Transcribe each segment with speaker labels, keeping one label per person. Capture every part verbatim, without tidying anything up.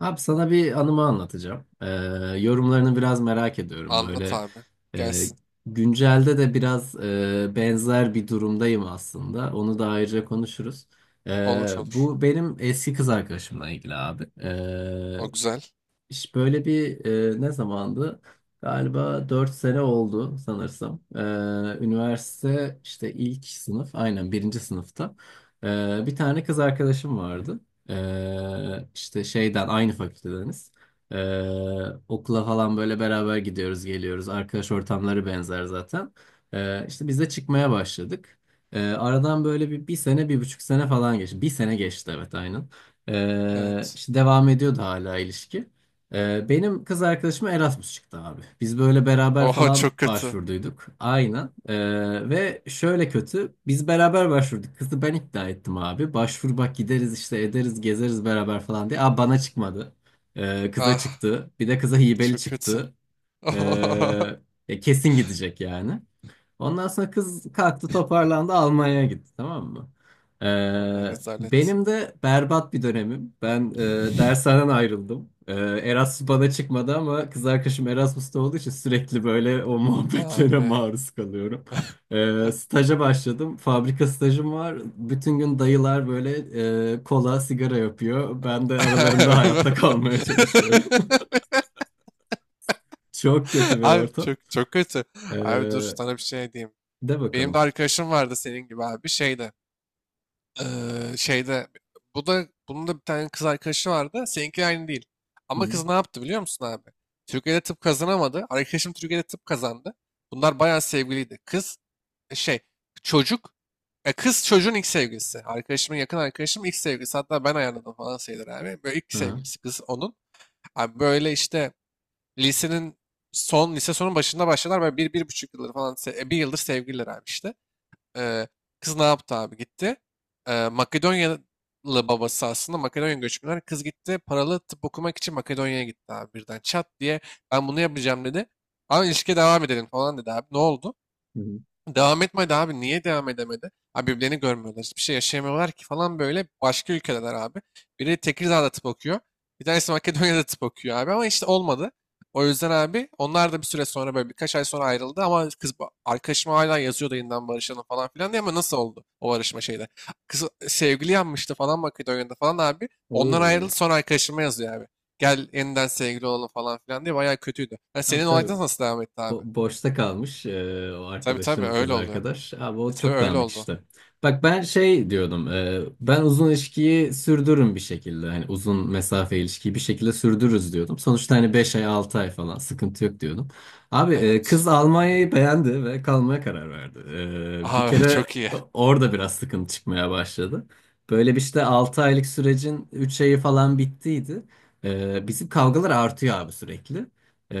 Speaker 1: Abi sana bir anımı anlatacağım. Ee, yorumlarını biraz merak ediyorum.
Speaker 2: Anlat
Speaker 1: Böyle
Speaker 2: abi.
Speaker 1: e,
Speaker 2: Gelsin.
Speaker 1: Güncelde de biraz e, benzer bir durumdayım aslında. Onu da ayrıca konuşuruz. Ee,
Speaker 2: Olur olur.
Speaker 1: bu benim eski kız arkadaşımla ilgili abi. Ee,
Speaker 2: O güzel.
Speaker 1: İş böyle bir e, ne zamandı? Galiba dört sene oldu sanırsam. E, üniversite işte ilk sınıf aynen birinci sınıfta. E, bir tane kız arkadaşım vardı. E, işte şeyden aynı fakültedeniz. E, Okula falan böyle beraber gidiyoruz geliyoruz. Arkadaş ortamları benzer zaten. E, işte biz de çıkmaya başladık. E, aradan böyle bir, bir sene bir buçuk sene falan geçti. Bir sene geçti, evet, aynen. E,
Speaker 2: Evet.
Speaker 1: işte devam ediyordu hala ilişki. Ee, benim kız arkadaşıma Erasmus çıktı abi. Biz böyle beraber
Speaker 2: Oho,
Speaker 1: falan
Speaker 2: çok kötü.
Speaker 1: başvurduyduk. Aynen. Ee, ve şöyle kötü. Biz beraber başvurduk. Kızı ben ikna ettim abi. Başvur bak gideriz işte ederiz gezeriz beraber falan diye. Aa bana çıkmadı. Ee, kıza
Speaker 2: Ah,
Speaker 1: çıktı. Bir de kıza hibeli
Speaker 2: çok kötü.
Speaker 1: çıktı. Ee, e, Kesin gidecek yani. Ondan sonra kız kalktı toparlandı Almanya'ya gitti tamam mı?
Speaker 2: Allah
Speaker 1: Ee,
Speaker 2: rezalet.
Speaker 1: benim de berbat bir dönemim. Ben e, dershaneden ayrıldım. Ee, Erasmus bana çıkmadı ama kız arkadaşım Erasmus'ta olduğu için sürekli böyle o muhabbetlere
Speaker 2: Abi.
Speaker 1: maruz kalıyorum. Ee, staja başladım. Fabrika stajım var. Bütün gün dayılar böyle e, kola, sigara yapıyor. Ben de aralarında hayatta kalmaya çalışıyorum. Çok kötü bir
Speaker 2: Abi
Speaker 1: ortam.
Speaker 2: çok çok kötü. Abi dur,
Speaker 1: Ee,
Speaker 2: sana bir şey diyeyim.
Speaker 1: De
Speaker 2: Benim de
Speaker 1: bakalım.
Speaker 2: arkadaşım vardı senin gibi abi şeyde. Eee, şeyde bu da bunun da bir tane kız arkadaşı vardı. Seninki aynı değil.
Speaker 1: Hı
Speaker 2: Ama
Speaker 1: hı.
Speaker 2: kız ne yaptı biliyor musun abi? Türkiye'de tıp kazanamadı. Arkadaşım Türkiye'de tıp kazandı. Bunlar bayağı sevgiliydi. Kız e, şey çocuk e, Kız çocuğun ilk sevgilisi. Arkadaşımın, yakın arkadaşım, ilk sevgilisi. Hatta ben ayarladım falan sayılır abi. Böyle ilk
Speaker 1: Aha.
Speaker 2: sevgilisi kız onun. Abi böyle işte lisenin son lise sonun başında başladılar. Böyle bir, bir buçuk yıldır falan se- e, bir yıldır sevgililer abi işte. Ee, kız ne yaptı abi? Gitti. Ee, Makedonyalı, babası aslında Makedonya göçmenler. Kız gitti, paralı tıp okumak için Makedonya'ya gitti abi birden. Çat diye ben bunu yapacağım dedi. Ama ilişkiye devam edelim falan dedi abi. Ne oldu? Devam etmedi abi. Niye devam edemedi? Abi birbirlerini görmüyorlar. Hiçbir şey yaşayamıyorlar ki falan böyle. Başka ülkedeler abi. Biri Tekirdağ'da tıp okuyor. Bir tanesi Makedonya'da tıp okuyor abi. Ama işte olmadı. O yüzden abi onlar da bir süre sonra, böyle birkaç ay sonra ayrıldı. Ama kız ba- arkadaşım hala yazıyordu, yeniden barışalım falan filan diye. Ama nasıl oldu o barışma şeyde? Kız sevgili yanmıştı falan Makedonya'da falan abi. Ondan
Speaker 1: Oo.
Speaker 2: ayrıldı, sonra arkadaşıma yazıyor abi. Gel yeniden sevgili olalım falan filan diye. Bayağı kötüydü. Yani
Speaker 1: Abi
Speaker 2: senin
Speaker 1: tabii
Speaker 2: olaydan nasıl devam etti abi?
Speaker 1: bo- boşta kalmış e, o
Speaker 2: Tabii tabii,
Speaker 1: arkadaşın kız
Speaker 2: öyle oluyor.
Speaker 1: arkadaş. Abi o
Speaker 2: E, tabii
Speaker 1: çok
Speaker 2: öyle
Speaker 1: dağınık
Speaker 2: oldu.
Speaker 1: işte. Bak ben şey diyordum. E, ben uzun ilişkiyi sürdürürüm bir şekilde. Hani uzun mesafe ilişkiyi bir şekilde sürdürürüz diyordum. Sonuçta hani beş ay altı ay falan sıkıntı yok diyordum. Abi e,
Speaker 2: Evet.
Speaker 1: kız Almanya'yı beğendi ve kalmaya karar verdi. E, bir
Speaker 2: Aha,
Speaker 1: kere
Speaker 2: çok iyi.
Speaker 1: o- orada biraz sıkıntı çıkmaya başladı. Böyle bir işte altı aylık sürecin üç ayı falan bittiydi. E, bizim kavgalar artıyor abi sürekli.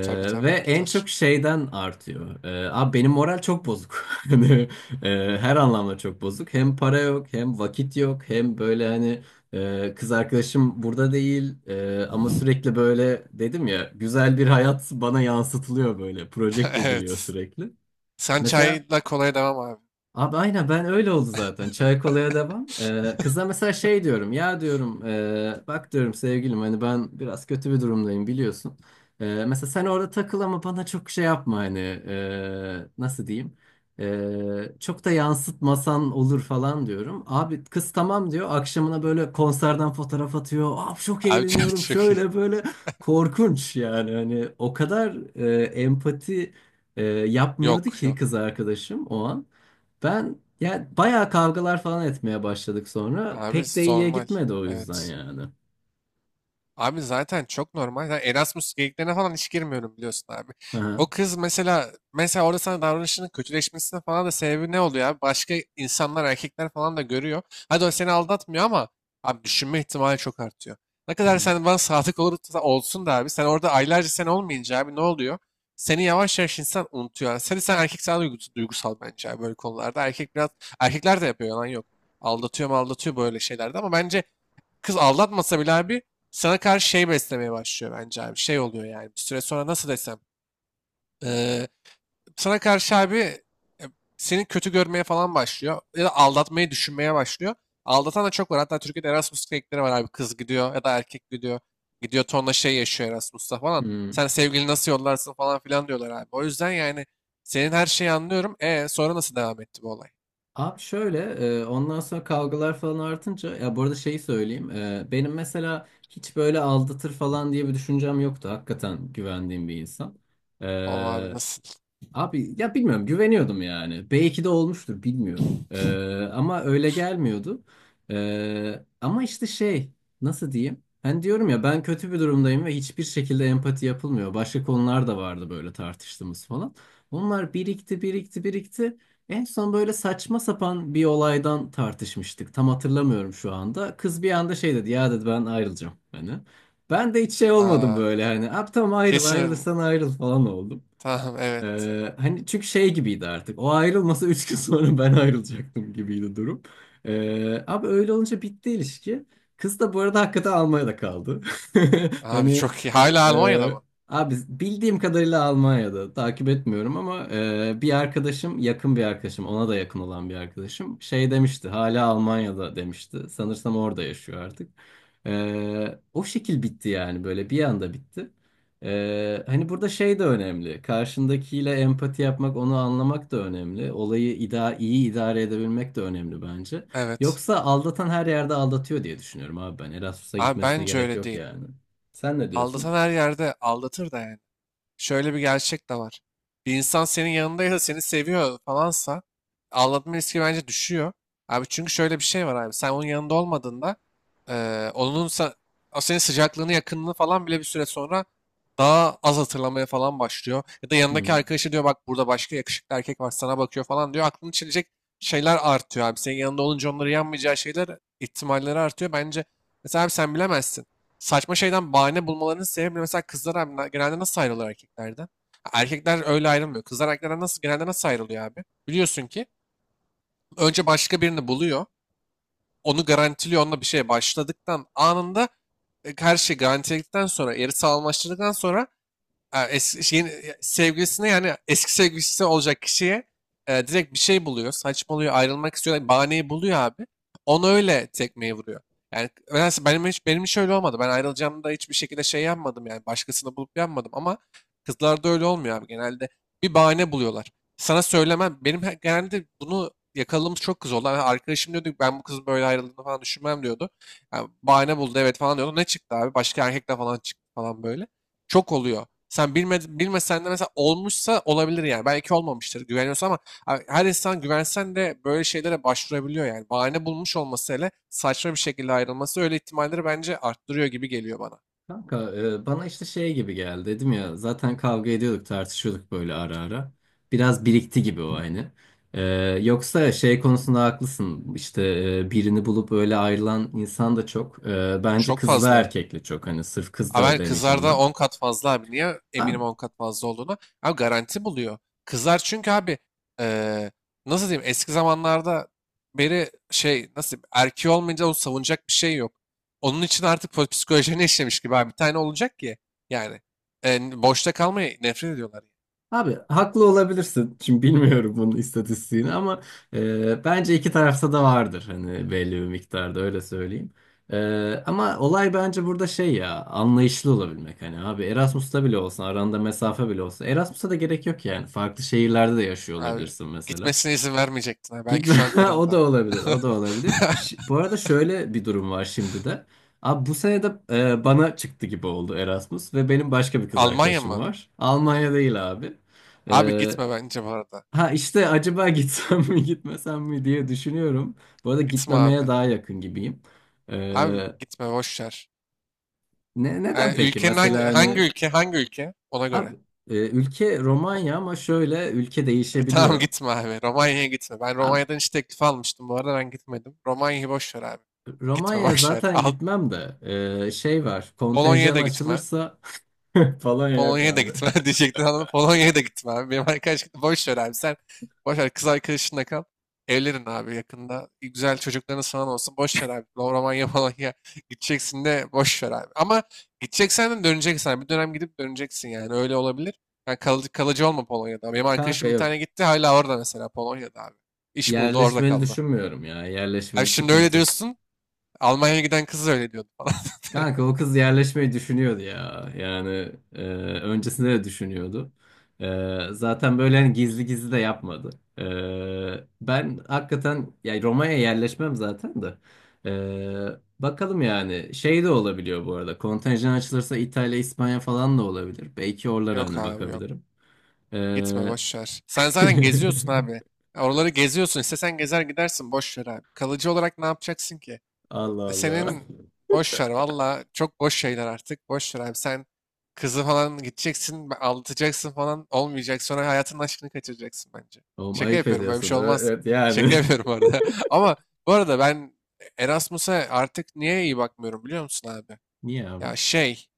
Speaker 2: Tabii
Speaker 1: Ve
Speaker 2: tabii
Speaker 1: en
Speaker 2: artar.
Speaker 1: çok şeyden artıyor. Ee, abi benim moral çok bozuk. Hani, e, her anlamda çok bozuk. Hem para yok, hem vakit yok, hem böyle hani e, kız arkadaşım burada değil. E, ama sürekli böyle dedim ya güzel bir hayat bana yansıtılıyor böyle. Projekte ediliyor
Speaker 2: Evet.
Speaker 1: sürekli.
Speaker 2: Sen
Speaker 1: Mesela
Speaker 2: çayla kolaya devam abi.
Speaker 1: abi aynen ben öyle oldu zaten. Çay kolaya devam. Ee, kıza mesela şey diyorum. Ya diyorum e, bak diyorum sevgilim hani ben biraz kötü bir durumdayım biliyorsun. Ee, mesela sen orada takıl ama bana çok şey yapma hani e, nasıl diyeyim. Ee, çok da yansıtmasan olur falan diyorum. Abi kız tamam diyor. Akşamına böyle konserden fotoğraf atıyor. Abi çok
Speaker 2: Abi çok,
Speaker 1: eğleniyorum
Speaker 2: çok iyi.
Speaker 1: şöyle böyle. Korkunç yani hani o kadar e, empati e, yapmıyordu
Speaker 2: Yok
Speaker 1: ki
Speaker 2: yok.
Speaker 1: kız arkadaşım o an. Ben yani bayağı kavgalar falan etmeye başladık sonra.
Speaker 2: Abi
Speaker 1: Pek de iyiye
Speaker 2: normal.
Speaker 1: gitmedi o yüzden
Speaker 2: Evet.
Speaker 1: yani.
Speaker 2: Abi zaten çok normal. Yani Erasmus geyiklerine falan hiç girmiyorum, biliyorsun abi. O
Speaker 1: Aha.
Speaker 2: kız mesela mesela orada sana davranışının kötüleşmesine falan da sebebi ne oluyor abi? Başka insanlar, erkekler falan da görüyor. Hadi o seni aldatmıyor ama abi düşünme ihtimali çok artıyor. Ne
Speaker 1: Hı.
Speaker 2: kadar
Speaker 1: Hı.
Speaker 2: sen bana sadık olursa olsun da abi, sen orada aylarca sen olmayınca abi ne oluyor? Seni yavaş yavaş insan unutuyor. Yani seni sen erkek sana duygus- duygusal bence abi böyle konularda. Erkek biraz, erkekler de yapıyor, yalan yok. Aldatıyor mu aldatıyor böyle şeylerde, ama bence kız aldatmasa bile abi sana karşı şey beslemeye başlıyor bence abi. Şey oluyor yani bir süre sonra, nasıl desem. eee, sana karşı abi, e, seni kötü görmeye falan başlıyor. Ya da aldatmayı düşünmeye başlıyor. Aldatan da çok var. Hatta Türkiye'de Erasmus klinikleri var abi. Kız gidiyor ya da erkek gidiyor. Gidiyor tonla şey yaşıyor Erasmus'ta falan.
Speaker 1: Hmm.
Speaker 2: Sen sevgili nasıl yollarsın falan filan diyorlar abi. O yüzden yani, senin her şeyi anlıyorum. E sonra nasıl devam etti bu olay?
Speaker 1: Abi şöyle e, ondan sonra kavgalar falan artınca ya bu arada şeyi söyleyeyim. E, benim mesela hiç böyle aldatır falan diye bir düşüncem yoktu. Hakikaten güvendiğim bir insan. E,
Speaker 2: O abi nasıl?
Speaker 1: Abi ya bilmiyorum güveniyordum yani. Belki de olmuştur bilmiyorum. Ee, ama öyle gelmiyordu. Ee, ama işte şey, nasıl diyeyim? Ben diyorum ya ben kötü bir durumdayım ve hiçbir şekilde empati yapılmıyor. Başka konular da vardı böyle tartıştığımız falan. Onlar birikti birikti birikti. En son böyle saçma sapan bir olaydan tartışmıştık. Tam hatırlamıyorum şu anda. Kız bir anda şey dedi ya dedi ben ayrılacağım. Hani. Ben de hiç şey olmadım
Speaker 2: Aa,
Speaker 1: böyle hani. Abi tamam ayrıl
Speaker 2: kesin,
Speaker 1: ayrılırsan ayrıl falan oldum.
Speaker 2: tamam, evet.
Speaker 1: Ee, hani çünkü şey gibiydi artık. O ayrılmasa üç gün sonra ben ayrılacaktım gibiydi durum. Ee, abi öyle olunca bitti ilişki. Kız da bu arada hakikaten Almanya'da kaldı.
Speaker 2: Abi
Speaker 1: Hani
Speaker 2: çok iyi. Hala Almanya'da
Speaker 1: e,
Speaker 2: mı?
Speaker 1: abi bildiğim kadarıyla Almanya'da takip etmiyorum ama e, bir arkadaşım yakın bir arkadaşım ona da yakın olan bir arkadaşım şey demişti hala Almanya'da demişti. Sanırsam orada yaşıyor artık. Ee, o şekil bitti yani böyle bir anda bitti. Ee, hani burada şey de önemli. Karşındakiyle empati yapmak, onu anlamak da önemli. Olayı ida iyi idare edebilmek de önemli bence.
Speaker 2: Evet.
Speaker 1: Yoksa aldatan her yerde aldatıyor diye düşünüyorum abi ben. Erasmus'a
Speaker 2: Abi
Speaker 1: gitmesine
Speaker 2: bence
Speaker 1: gerek
Speaker 2: öyle
Speaker 1: yok
Speaker 2: değil.
Speaker 1: yani. Sen ne
Speaker 2: Aldatan
Speaker 1: diyorsun?
Speaker 2: her yerde aldatır da yani, şöyle bir gerçek de var. Bir insan senin yanındaysa, seni seviyor falansa, aldatma riski bence düşüyor. Abi çünkü şöyle bir şey var abi. Sen onun yanında olmadığında, eee onun sa- o senin sıcaklığını, yakınlığını falan bile bir süre sonra daha az hatırlamaya falan başlıyor. Ya da yanındaki
Speaker 1: Hı.
Speaker 2: arkadaşı diyor, bak burada başka yakışıklı erkek var, sana bakıyor falan diyor. Aklını çelecek şeyler artıyor abi. Senin yanında olunca onları yanmayacağı şeyler, ihtimalleri artıyor. Bence mesela abi, sen bilemezsin saçma şeyden bahane bulmalarının sebebi; mesela kızlar abi genelde nasıl ayrılıyor erkeklerden? Erkekler öyle ayrılmıyor. Kızlar erkeklerden nasıl, genelde nasıl ayrılıyor abi? Biliyorsun ki önce başka birini buluyor. Onu garantiliyor. Onunla bir şeye başladıktan anında, e, her şey garantiledikten sonra, yarı sağlamlaştırdıktan sonra, Ha, eski şeyin e, sevgilisine, yani eski sevgilisi olacak kişiye, e, direkt bir şey buluyor. Saçmalıyor, ayrılmak istiyor. Bahaneyi buluyor abi. Onu öyle tekmeyi vuruyor. Yani nedense benim hiç, benim hiç öyle olmadı. Ben ayrılacağımda hiçbir şekilde şey yapmadım yani. Başkasını bulup yapmadım, ama kızlarda öyle olmuyor abi. Genelde bir bahane buluyorlar. Sana söylemem. Benim he- genelde bunu yakaladığımız çok kız oldu. Yani arkadaşım diyordu ki, ben bu kızın böyle ayrıldığını falan düşünmem diyordu. Yani bahane buldu evet falan diyordu. Ne çıktı abi? Başka erkekle falan çıktı falan böyle. Çok oluyor. Sen bilme, bilmesen de mesela, olmuşsa olabilir yani. Belki olmamıştır, güveniyorsun, ama ha- her insan, güvensen de böyle şeylere başvurabiliyor yani. Bahane bulmuş olması, hele saçma bir şekilde ayrılması, öyle ihtimalleri bence arttırıyor gibi geliyor bana.
Speaker 1: Kanka e, bana işte şey gibi geldi dedim ya zaten kavga ediyorduk tartışıyorduk böyle ara ara. Biraz birikti gibi o hani. E, Yoksa şey konusunda haklısın işte, e, birini bulup öyle ayrılan insan da çok. E, bence
Speaker 2: Çok
Speaker 1: kızla
Speaker 2: fazla.
Speaker 1: erkekle çok hani sırf kız
Speaker 2: Abi
Speaker 1: da
Speaker 2: ben
Speaker 1: demeyeceğim
Speaker 2: kızlarda
Speaker 1: ben.
Speaker 2: on kat fazla abi. Niye eminim on kat fazla olduğunu? Abi garanti buluyor. Kızlar çünkü abi, eee, nasıl diyeyim, eski zamanlarda beri şey, nasıl diyeyim, erkeği olmayınca onu savunacak bir şey yok. Onun için artık po- psikolojilerine işlemiş gibi abi. Bir tane olacak ki yani, e, boşta kalmayı nefret ediyorlar.
Speaker 1: Abi haklı olabilirsin. Şimdi bilmiyorum bunun istatistiğini ama e, bence iki tarafta da vardır hani belli bir miktarda öyle söyleyeyim. E, ama olay bence burada şey ya anlayışlı olabilmek hani abi Erasmus'ta bile olsa aranda mesafe bile olsa Erasmus'a da gerek yok yani farklı şehirlerde de yaşıyor
Speaker 2: Abi
Speaker 1: olabilirsin mesela.
Speaker 2: gitmesine izin vermeyecektin. Ha. Belki
Speaker 1: Gitme.
Speaker 2: şu an
Speaker 1: O da
Speaker 2: karında.
Speaker 1: olabilir. O da olabilir. Ş- bu arada şöyle bir durum var şimdi de. Abi bu sene de e, bana çıktı gibi oldu Erasmus ve benim başka bir kız
Speaker 2: Almanya
Speaker 1: arkadaşım
Speaker 2: mı?
Speaker 1: var. Almanya değil abi.
Speaker 2: Abi
Speaker 1: E,
Speaker 2: gitme bence bu arada.
Speaker 1: ha işte acaba gitsem mi gitmesem mi diye düşünüyorum. Bu arada
Speaker 2: Gitme
Speaker 1: gitmemeye
Speaker 2: abi.
Speaker 1: daha yakın gibiyim.
Speaker 2: Abi
Speaker 1: E,
Speaker 2: gitme, boş ver.
Speaker 1: Ne neden
Speaker 2: Ee,
Speaker 1: peki?
Speaker 2: ülkenin hangi,
Speaker 1: Mesela
Speaker 2: hangi
Speaker 1: hani
Speaker 2: ülke, hangi ülke ona göre.
Speaker 1: abi e, ülke Romanya ama şöyle ülke
Speaker 2: E, tamam
Speaker 1: değişebiliyor.
Speaker 2: gitme abi. Romanya'ya gitme. Ben Romanya'dan hiç teklif almıştım. Bu arada ben gitmedim. Romanya'yı boş ver abi. Gitme
Speaker 1: Romanya'ya
Speaker 2: boş ver.
Speaker 1: zaten
Speaker 2: Al,
Speaker 1: gitmem de eee, şey var
Speaker 2: Polonya'ya
Speaker 1: kontenjan
Speaker 2: da gitme.
Speaker 1: açılırsa falan yok
Speaker 2: Polonya'ya da
Speaker 1: abi.
Speaker 2: gitme diyecektin, anladın mı? Polonya'ya da gitme abi. Benim arkadaş, boş ver abi, sen boş ver kız arkadaşınla kal. Evlenin abi yakında. Güzel çocuklarınız falan olsun. Boş ver abi. Romanya, Polonya gideceksin de boş ver abi. Ama gideceksen de döneceksin abi. Bir dönem gidip döneceksin yani. Öyle olabilir. Yani kalıcı, kalıcı olma Polonya'da. Benim
Speaker 1: Kanka
Speaker 2: arkadaşım bir tane
Speaker 1: yok.
Speaker 2: gitti, hala orada mesela, Polonya'da abi. İş buldu, orada
Speaker 1: Yerleşmeli
Speaker 2: kaldı.
Speaker 1: düşünmüyorum ya.
Speaker 2: Abi
Speaker 1: Yerleşmeli
Speaker 2: şimdi öyle
Speaker 1: sıkıntı.
Speaker 2: diyorsun. Almanya'ya giden kız da öyle diyordu falan.
Speaker 1: Kanka o kız yerleşmeyi düşünüyordu ya. Yani e, öncesinde de düşünüyordu. E, zaten böyle hani gizli gizli de yapmadı. E, ben hakikaten ya Roma'ya yerleşmem zaten de. E, bakalım yani şey de olabiliyor bu arada. Kontenjan açılırsa İtalya, İspanya falan da olabilir. Belki oralara
Speaker 2: Yok
Speaker 1: hani
Speaker 2: abi yok.
Speaker 1: bakabilirim.
Speaker 2: Gitme,
Speaker 1: E,
Speaker 2: boş ver. Sen zaten geziyorsun abi. Ya oraları geziyorsun. İstesen gezer gidersin. Boş ver abi. Kalıcı olarak ne yapacaksın ki?
Speaker 1: Allah
Speaker 2: E
Speaker 1: Allah.
Speaker 2: Senin boş ver. Valla çok boş şeyler artık. Boş ver abi. Sen kızı falan gideceksin, be- aldatacaksın falan. Olmayacak. Sonra hayatının aşkını kaçıracaksın bence.
Speaker 1: Oğlum
Speaker 2: Şaka
Speaker 1: ayıp
Speaker 2: yapıyorum. Böyle bir
Speaker 1: ediyorsun.
Speaker 2: şey
Speaker 1: Ö-
Speaker 2: olmaz.
Speaker 1: ö- yani.
Speaker 2: Şaka yapıyorum bu arada. Ama bu arada ben Erasmus'a artık niye iyi bakmıyorum biliyor musun abi?
Speaker 1: Niye abi?
Speaker 2: Ya, şey.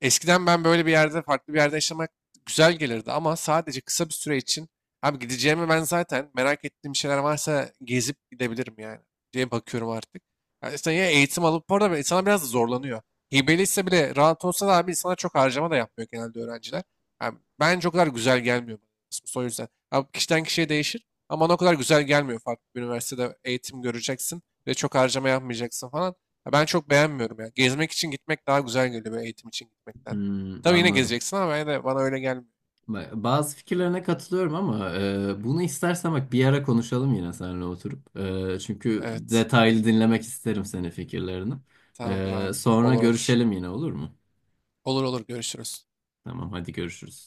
Speaker 2: Eskiden ben böyle bir yerde, farklı bir yerde yaşamak güzel gelirdi, ama sadece kısa bir süre için abi, gideceğimi, ben zaten merak ettiğim şeyler varsa gezip gidebilirim yani diye bakıyorum artık. Yani işte ya, eğitim alıp bu arada insana biraz da zorlanıyor. Hibeli bile rahat olsa da abi, insana çok harcama da yapmıyor genelde öğrenciler. Yani bence o kadar güzel gelmiyor bana Erasmus, o yüzden. Abi kişiden kişiye değişir, ama bana o kadar güzel gelmiyor farklı bir üniversitede eğitim göreceksin ve çok harcama yapmayacaksın falan. Ya, ben çok beğenmiyorum ya. Gezmek için gitmek daha güzel geliyor böyle eğitim için gitmekten.
Speaker 1: Hmm,
Speaker 2: Tabii yine
Speaker 1: anladım.
Speaker 2: gezeceksin, ama ben de, bana öyle gelmiyor.
Speaker 1: Ba- Bazı fikirlerine katılıyorum ama e, bunu istersen bak bir ara konuşalım yine seninle oturup. E, çünkü
Speaker 2: Evet.
Speaker 1: detaylı dinlemek isterim senin fikirlerini.
Speaker 2: Tamamdır
Speaker 1: E,
Speaker 2: abi.
Speaker 1: sonra
Speaker 2: Olur olur.
Speaker 1: görüşelim yine olur mu?
Speaker 2: Olur olur, görüşürüz.
Speaker 1: Tamam hadi görüşürüz.